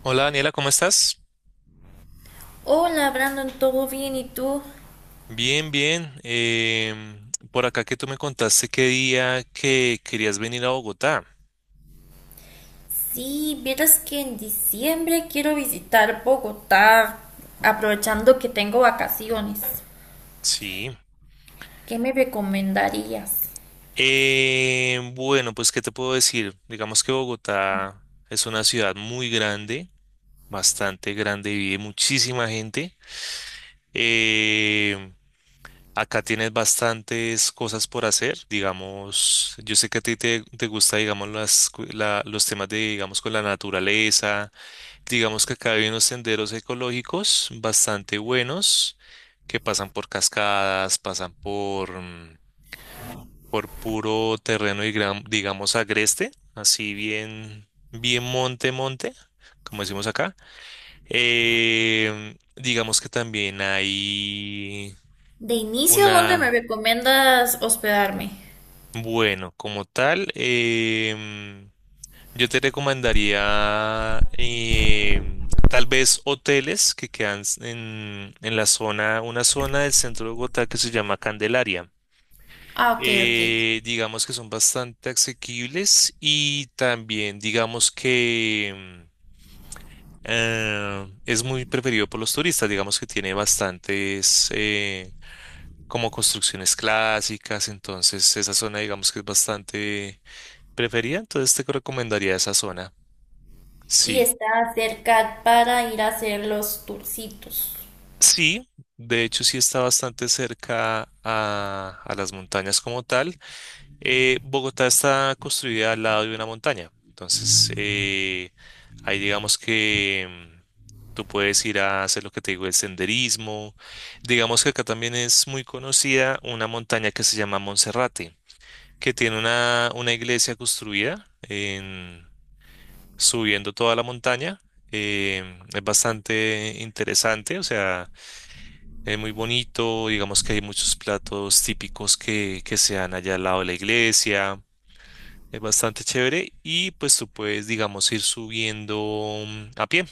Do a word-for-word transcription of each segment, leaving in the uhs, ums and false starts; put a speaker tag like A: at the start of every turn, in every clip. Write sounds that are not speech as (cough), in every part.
A: Hola Daniela, ¿cómo estás?
B: Hola Brandon, ¿todo bien? ¿Y tú?
A: Bien, bien. Em, por acá que tú me contaste qué día que querías venir a Bogotá.
B: Sí, vieras que en diciembre quiero visitar Bogotá, aprovechando que tengo vacaciones.
A: Sí.
B: ¿Qué me recomendarías?
A: Em, bueno, pues ¿qué te puedo decir? Digamos que Bogotá es una ciudad muy grande, bastante grande, vive muchísima gente. Em, acá tienes bastantes cosas por hacer. Digamos, yo sé que a ti te, te gusta, digamos, las, cu- la- los temas de, digamos, con la naturaleza. Digamos que acá hay unos senderos ecológicos bastante buenos que pasan por cascadas, pasan por, mm, por puro terreno y gran- digamos agreste, así bien, bien monte, monte, como decimos acá. Em, digamos que también hay
B: De inicio, ¿dónde me
A: una,
B: recomiendas hospedarme?
A: bueno, como tal, eh, Yo te recomendaría em, tal vez hoteles que quedan s- en, en la zona, una zona del centro de Bogotá que se llama Candelaria.
B: Ah, ok, ok.
A: Eh, digamos que son bastante asequibles y también digamos que em, eh, es muy preferido por los turistas, digamos que tiene bastantes eh, como construcciones clásicas, entonces esa zona digamos que es bastante preferida, entonces te recomendaría esa zona,
B: Y
A: sí.
B: está cerca para ir a hacer los tourcitos.
A: Sí, de hecho sí está bastante cerca a, a las montañas como tal. Eh, Bogotá está construida al lado de una montaña, entonces eh, ahí digamos que mm, tú puedes ir a hacer lo que te digo, el senderismo. Digamos que acá también es muy conocida una montaña que se llama Monserrate, que tiene una, una iglesia construida en, subiendo toda la montaña. Em, es bastante interesante, o sea, eh, muy bonito, digamos que hay muchos platos típicos que, que se dan allá al lado de la iglesia, es bastante chévere y pues tú puedes, digamos, ir subiendo mm, a pie.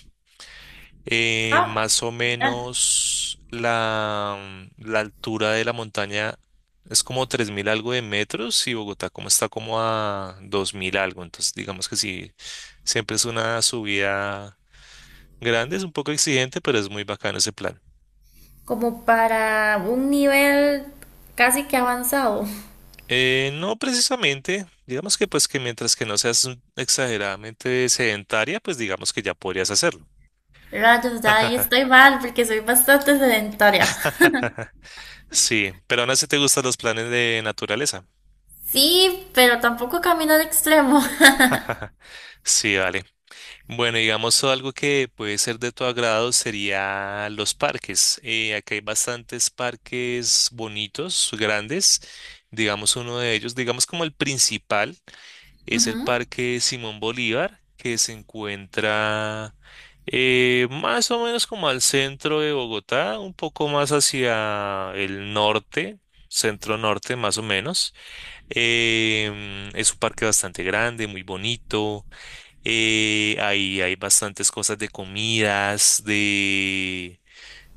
A: Eh,
B: Ah,
A: más o
B: genial.
A: menos la, mm, la altura de la montaña es como tres mil algo de metros y Bogotá como está como a dos mil algo, entonces digamos que sí, siempre es una subida grande, es un poco exigente, pero es muy bacano ese plan.
B: Como para un nivel casi que avanzado.
A: Eh, no precisamente, digamos que pues que mientras que no seas un- exageradamente sedentaria, pues digamos que ya podrías hacerlo.
B: Rayos, ahí estoy mal porque soy bastante sedentaria.
A: (laughs) Sí, pero aún así te gustan los planes de naturaleza.
B: Sí, pero tampoco camino al extremo. (laughs)
A: (laughs) Sí, vale. Bueno, digamos algo que puede ser de tu agrado sería los parques. Eh, acá hay bastantes parques bonitos, grandes. Digamos uno de ellos, digamos como el principal. Es el Parque Simón Bolívar, que se encuentra eh, más o menos como al centro de Bogotá, un poco más hacia el norte, centro norte más o menos. Em, es un parque bastante grande, muy bonito. eh, ahí hay bastantes cosas de comidas, de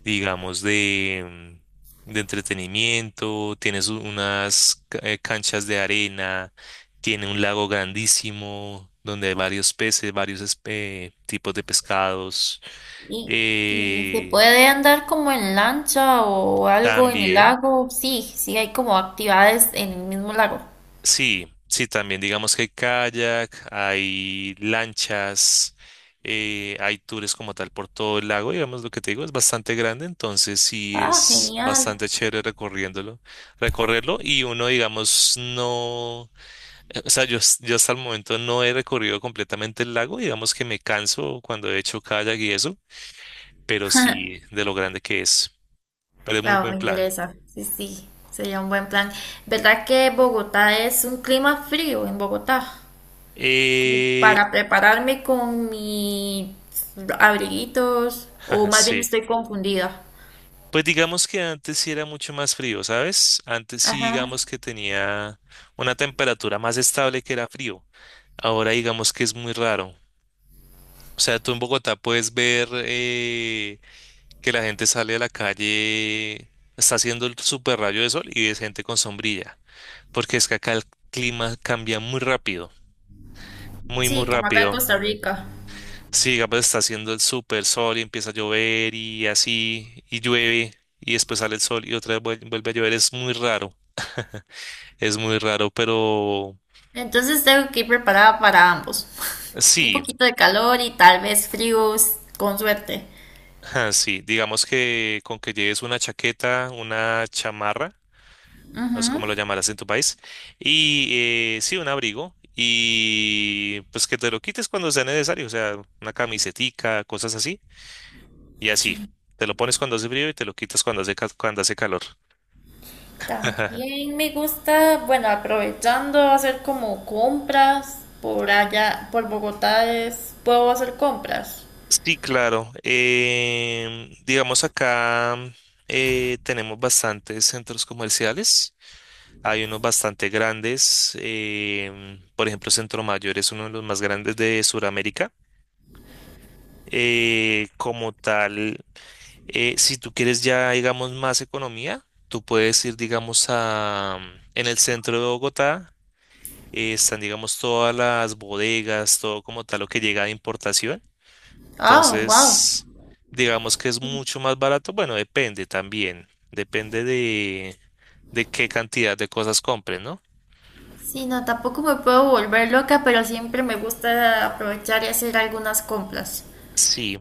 A: digamos, de, mm, de entretenimiento, tienes u- unas ca- eh, canchas de arena, tiene un lago grandísimo donde hay varios peces, varios espe- tipos de pescados.
B: Y, y se
A: eh,
B: puede andar como en lancha o algo en el
A: también.
B: lago. Sí, sí hay como actividades en el mismo lago.
A: Sí, sí, también digamos que hay kayak, hay lanchas, eh, hay tours como tal por todo el lago, digamos lo que te digo, es bastante grande, entonces sí
B: Ah,
A: es
B: genial.
A: bastante chévere recorriéndolo, recorrerlo y uno digamos no, eh, o sea, yo, s- yo hasta el momento no he recorrido completamente el lago, digamos que me canso cuando he hecho kayak y eso, pero sí de lo grande que es, pero es muy
B: Wow,
A: buen
B: me
A: plan.
B: interesa. Sí, sí, sería un buen plan. ¿Verdad que Bogotá es un clima frío en Bogotá? Como
A: Eh,
B: para prepararme con mis abriguitos, o
A: (laughs)
B: más bien
A: sí.
B: estoy confundida.
A: Pues digamos que antes sí era mucho más frío, ¿sabes? Antes sí
B: Ajá.
A: digamos que tenía una temperatura más estable que era frío. Ahora digamos que es muy raro. O sea, tú en Bogotá puedes ver eh, que la gente sale a la calle, está haciendo el super rayo de sol y ves gente con sombrilla. Porque es que acá el clima cambia muy rápido, muy, muy
B: Sí, como acá en
A: rápido.
B: Costa Rica.
A: Sí, digamos, está haciendo el super sol y empieza a llover y así, y llueve, y después sale el sol y otra vez vuel- vuelve a llover. Es muy raro. (laughs) Es muy raro, pero
B: Entonces tengo que ir preparada para ambos. (laughs) Un
A: sí,
B: poquito de calor y tal vez frío con suerte.
A: (laughs) sí. Digamos que con que lleves una chaqueta, una chamarra, no sé
B: Ujú.
A: cómo lo llamarás en tu país, y eh, sí, un abrigo, y pues que te lo quites cuando sea necesario, o sea, una camisetica, cosas así, y así.
B: Sí.
A: Te lo pones cuando hace frío y te lo quitas cuando hace, ca- cuando hace calor. (laughs)
B: También me gusta, bueno, aprovechando hacer como compras por allá, por Bogotá es, puedo hacer compras.
A: Sí, claro. Em, digamos acá, eh, tenemos bastantes centros comerciales. Hay unos bastante grandes. em, por ejemplo, Centro Mayor es uno de los más grandes de Sudamérica. Eh, como tal, eh, si tú quieres ya, digamos, más economía, tú puedes ir, digamos, a, en el centro de Bogotá. eh, están, digamos, todas las bodegas, todo como tal lo que llega de importación.
B: Ah, wow.
A: Entonces, digamos que es mucho más barato. Bueno, depende también. Depende de, de qué cantidad de cosas compren, ¿no?
B: Sí, no, tampoco me puedo volver loca, pero siempre me gusta aprovechar y hacer algunas compras.
A: Sí.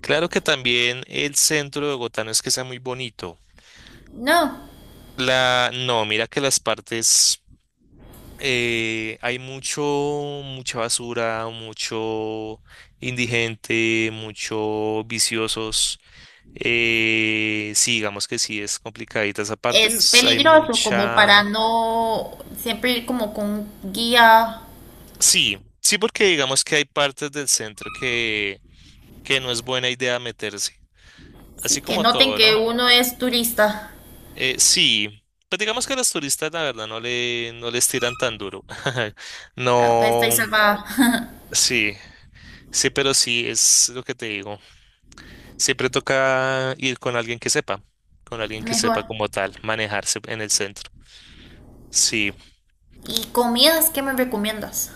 A: Claro que también el centro de Bogotá no es que sea muy bonito.
B: No,
A: La, no, mira que las partes eh, hay mucho, mucha basura, mucho indigente, mucho viciosos. Eh, sí, digamos que sí es complicadita esa parte.
B: es
A: Es- hay
B: peligroso como para
A: mucha
B: no siempre ir como con un guía.
A: Sí, sí, porque digamos que hay partes del centro que, que no es buena idea meterse,
B: Sí,
A: así
B: que
A: como
B: noten
A: todo,
B: que
A: ¿no?
B: uno es turista.
A: Eh, sí, pues digamos que a los turistas la verdad no le, no les tiran tan duro. (laughs)
B: Ah, estáis
A: No,
B: salvada.
A: sí, sí, pero sí es lo que te digo. Siempre toca ir con alguien que sepa, con alguien
B: (laughs)
A: que
B: Mejor.
A: sepa como tal, manejarse en el centro. Sí.
B: ¿Y comidas qué me recomiendas?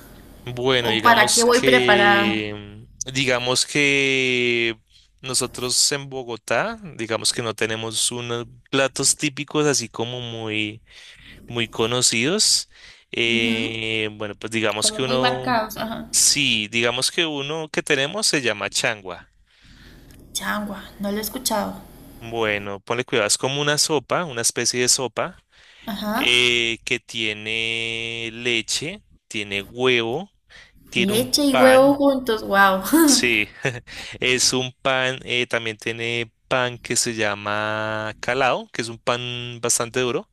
A: Bueno,
B: ¿O para qué
A: digamos
B: voy preparada?
A: que, digamos que nosotros en Bogotá, digamos que no tenemos unos platos típicos así como muy, muy conocidos.
B: Ujú.
A: Eh, bueno, pues digamos que
B: Como muy
A: uno,
B: marcados, ajá.
A: sí, digamos que uno que tenemos se llama changua.
B: Changua, no lo he escuchado.
A: Bueno, ponle cuidado, es como una sopa, una especie de sopa
B: Ajá.
A: eh, que tiene leche, tiene huevo, tiene un
B: Leche y huevo
A: pan.
B: juntos, wow.
A: Sí, (laughs) es un pan, eh, también tiene pan que se llama calado, que es un pan bastante duro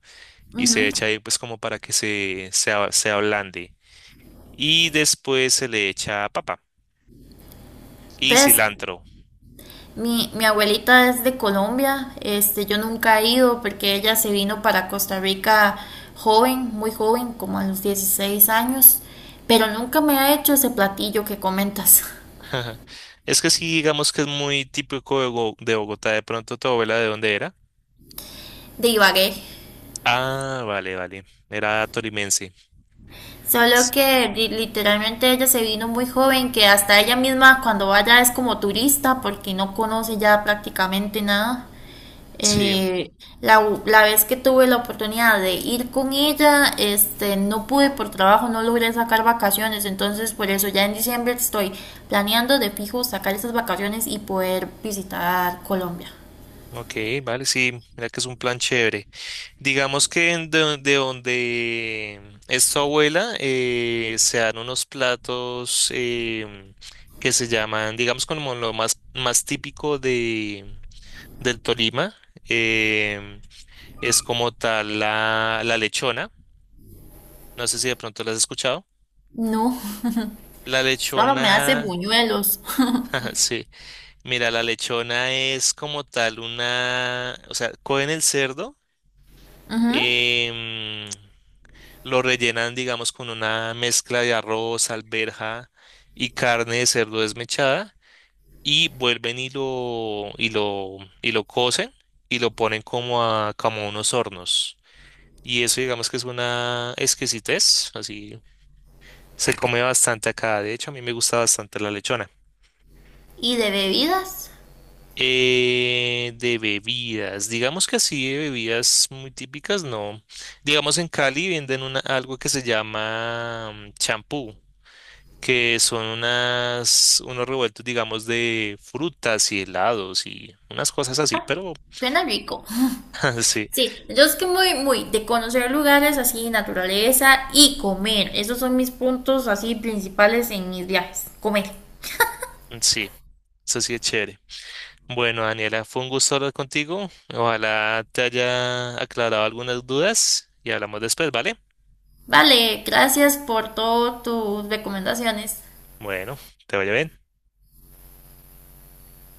B: (laughs)
A: y se echa
B: Ujú.
A: ahí pues como para que se, se, a- se ablande. Y después se le echa papa y
B: Pues
A: cilantro.
B: mi, mi abuelita es de Colombia, este, yo nunca he ido porque ella se vino para Costa Rica joven, muy joven, como a los dieciséis años, pero nunca me ha hecho ese platillo que comentas. (laughs)
A: (laughs) Es que sí, digamos que es muy típico de Bo- de Bogotá. De pronto, ¿tu abuela de dónde era?
B: De Ibagué.
A: Ah, vale, vale. Era tolimense.
B: Solo
A: S-
B: que literalmente ella se vino muy joven, que hasta ella misma cuando vaya es como turista porque no conoce ya prácticamente nada.
A: Sí,
B: Eh, la, u- la vez que tuve la oportunidad de ir con ella, este, no pude por trabajo, no logré sacar vacaciones, entonces por eso ya en diciembre estoy planeando de fijo sacar esas vacaciones y poder visitar Colombia.
A: ok, vale, sí. Mira que es un plan chévere. Digamos que en do- de, donde es tu abuela, eh, se dan unos platos, em, que se llaman, digamos, como lo más, más típico de, del Tolima. em, es como tal la, la lechona. No sé si de pronto la has escuchado.
B: No, (laughs)
A: La
B: solo me hace
A: lechona,
B: buñuelos. (laughs)
A: (laughs) sí. Mira, la lechona es como tal una, o sea, cogen el cerdo. em, Lo rellenan, digamos, con una mezcla de arroz, alberja y carne de cerdo desmechada y vuelven y lo, y lo, y lo cocen y lo ponen como a, como a unos hornos. Y eso, digamos que es una exquisitez, así se come bastante acá. De hecho, a mí me gusta bastante la lechona.
B: ¿Y de bebidas?
A: Eh, de bebidas, digamos que así de bebidas muy típicas, no. Digamos en Cali venden una, algo que se llama mm, champú. Que son unas, unos revueltos, digamos, de frutas y helados y unas cosas así, pero
B: Suena rico.
A: (laughs) sí,
B: Sí, yo es que muy, muy de conocer lugares así, naturaleza y comer. Esos son mis puntos así principales en mis viajes. Comer.
A: sí, eso sí es chévere. Bueno, Daniela, fue un gusto hablar contigo. Ojalá te haya aclarado algunas dudas y hablamos después, ¿vale?
B: Vale, gracias por todas tus recomendaciones.
A: Bueno, te vaya bien.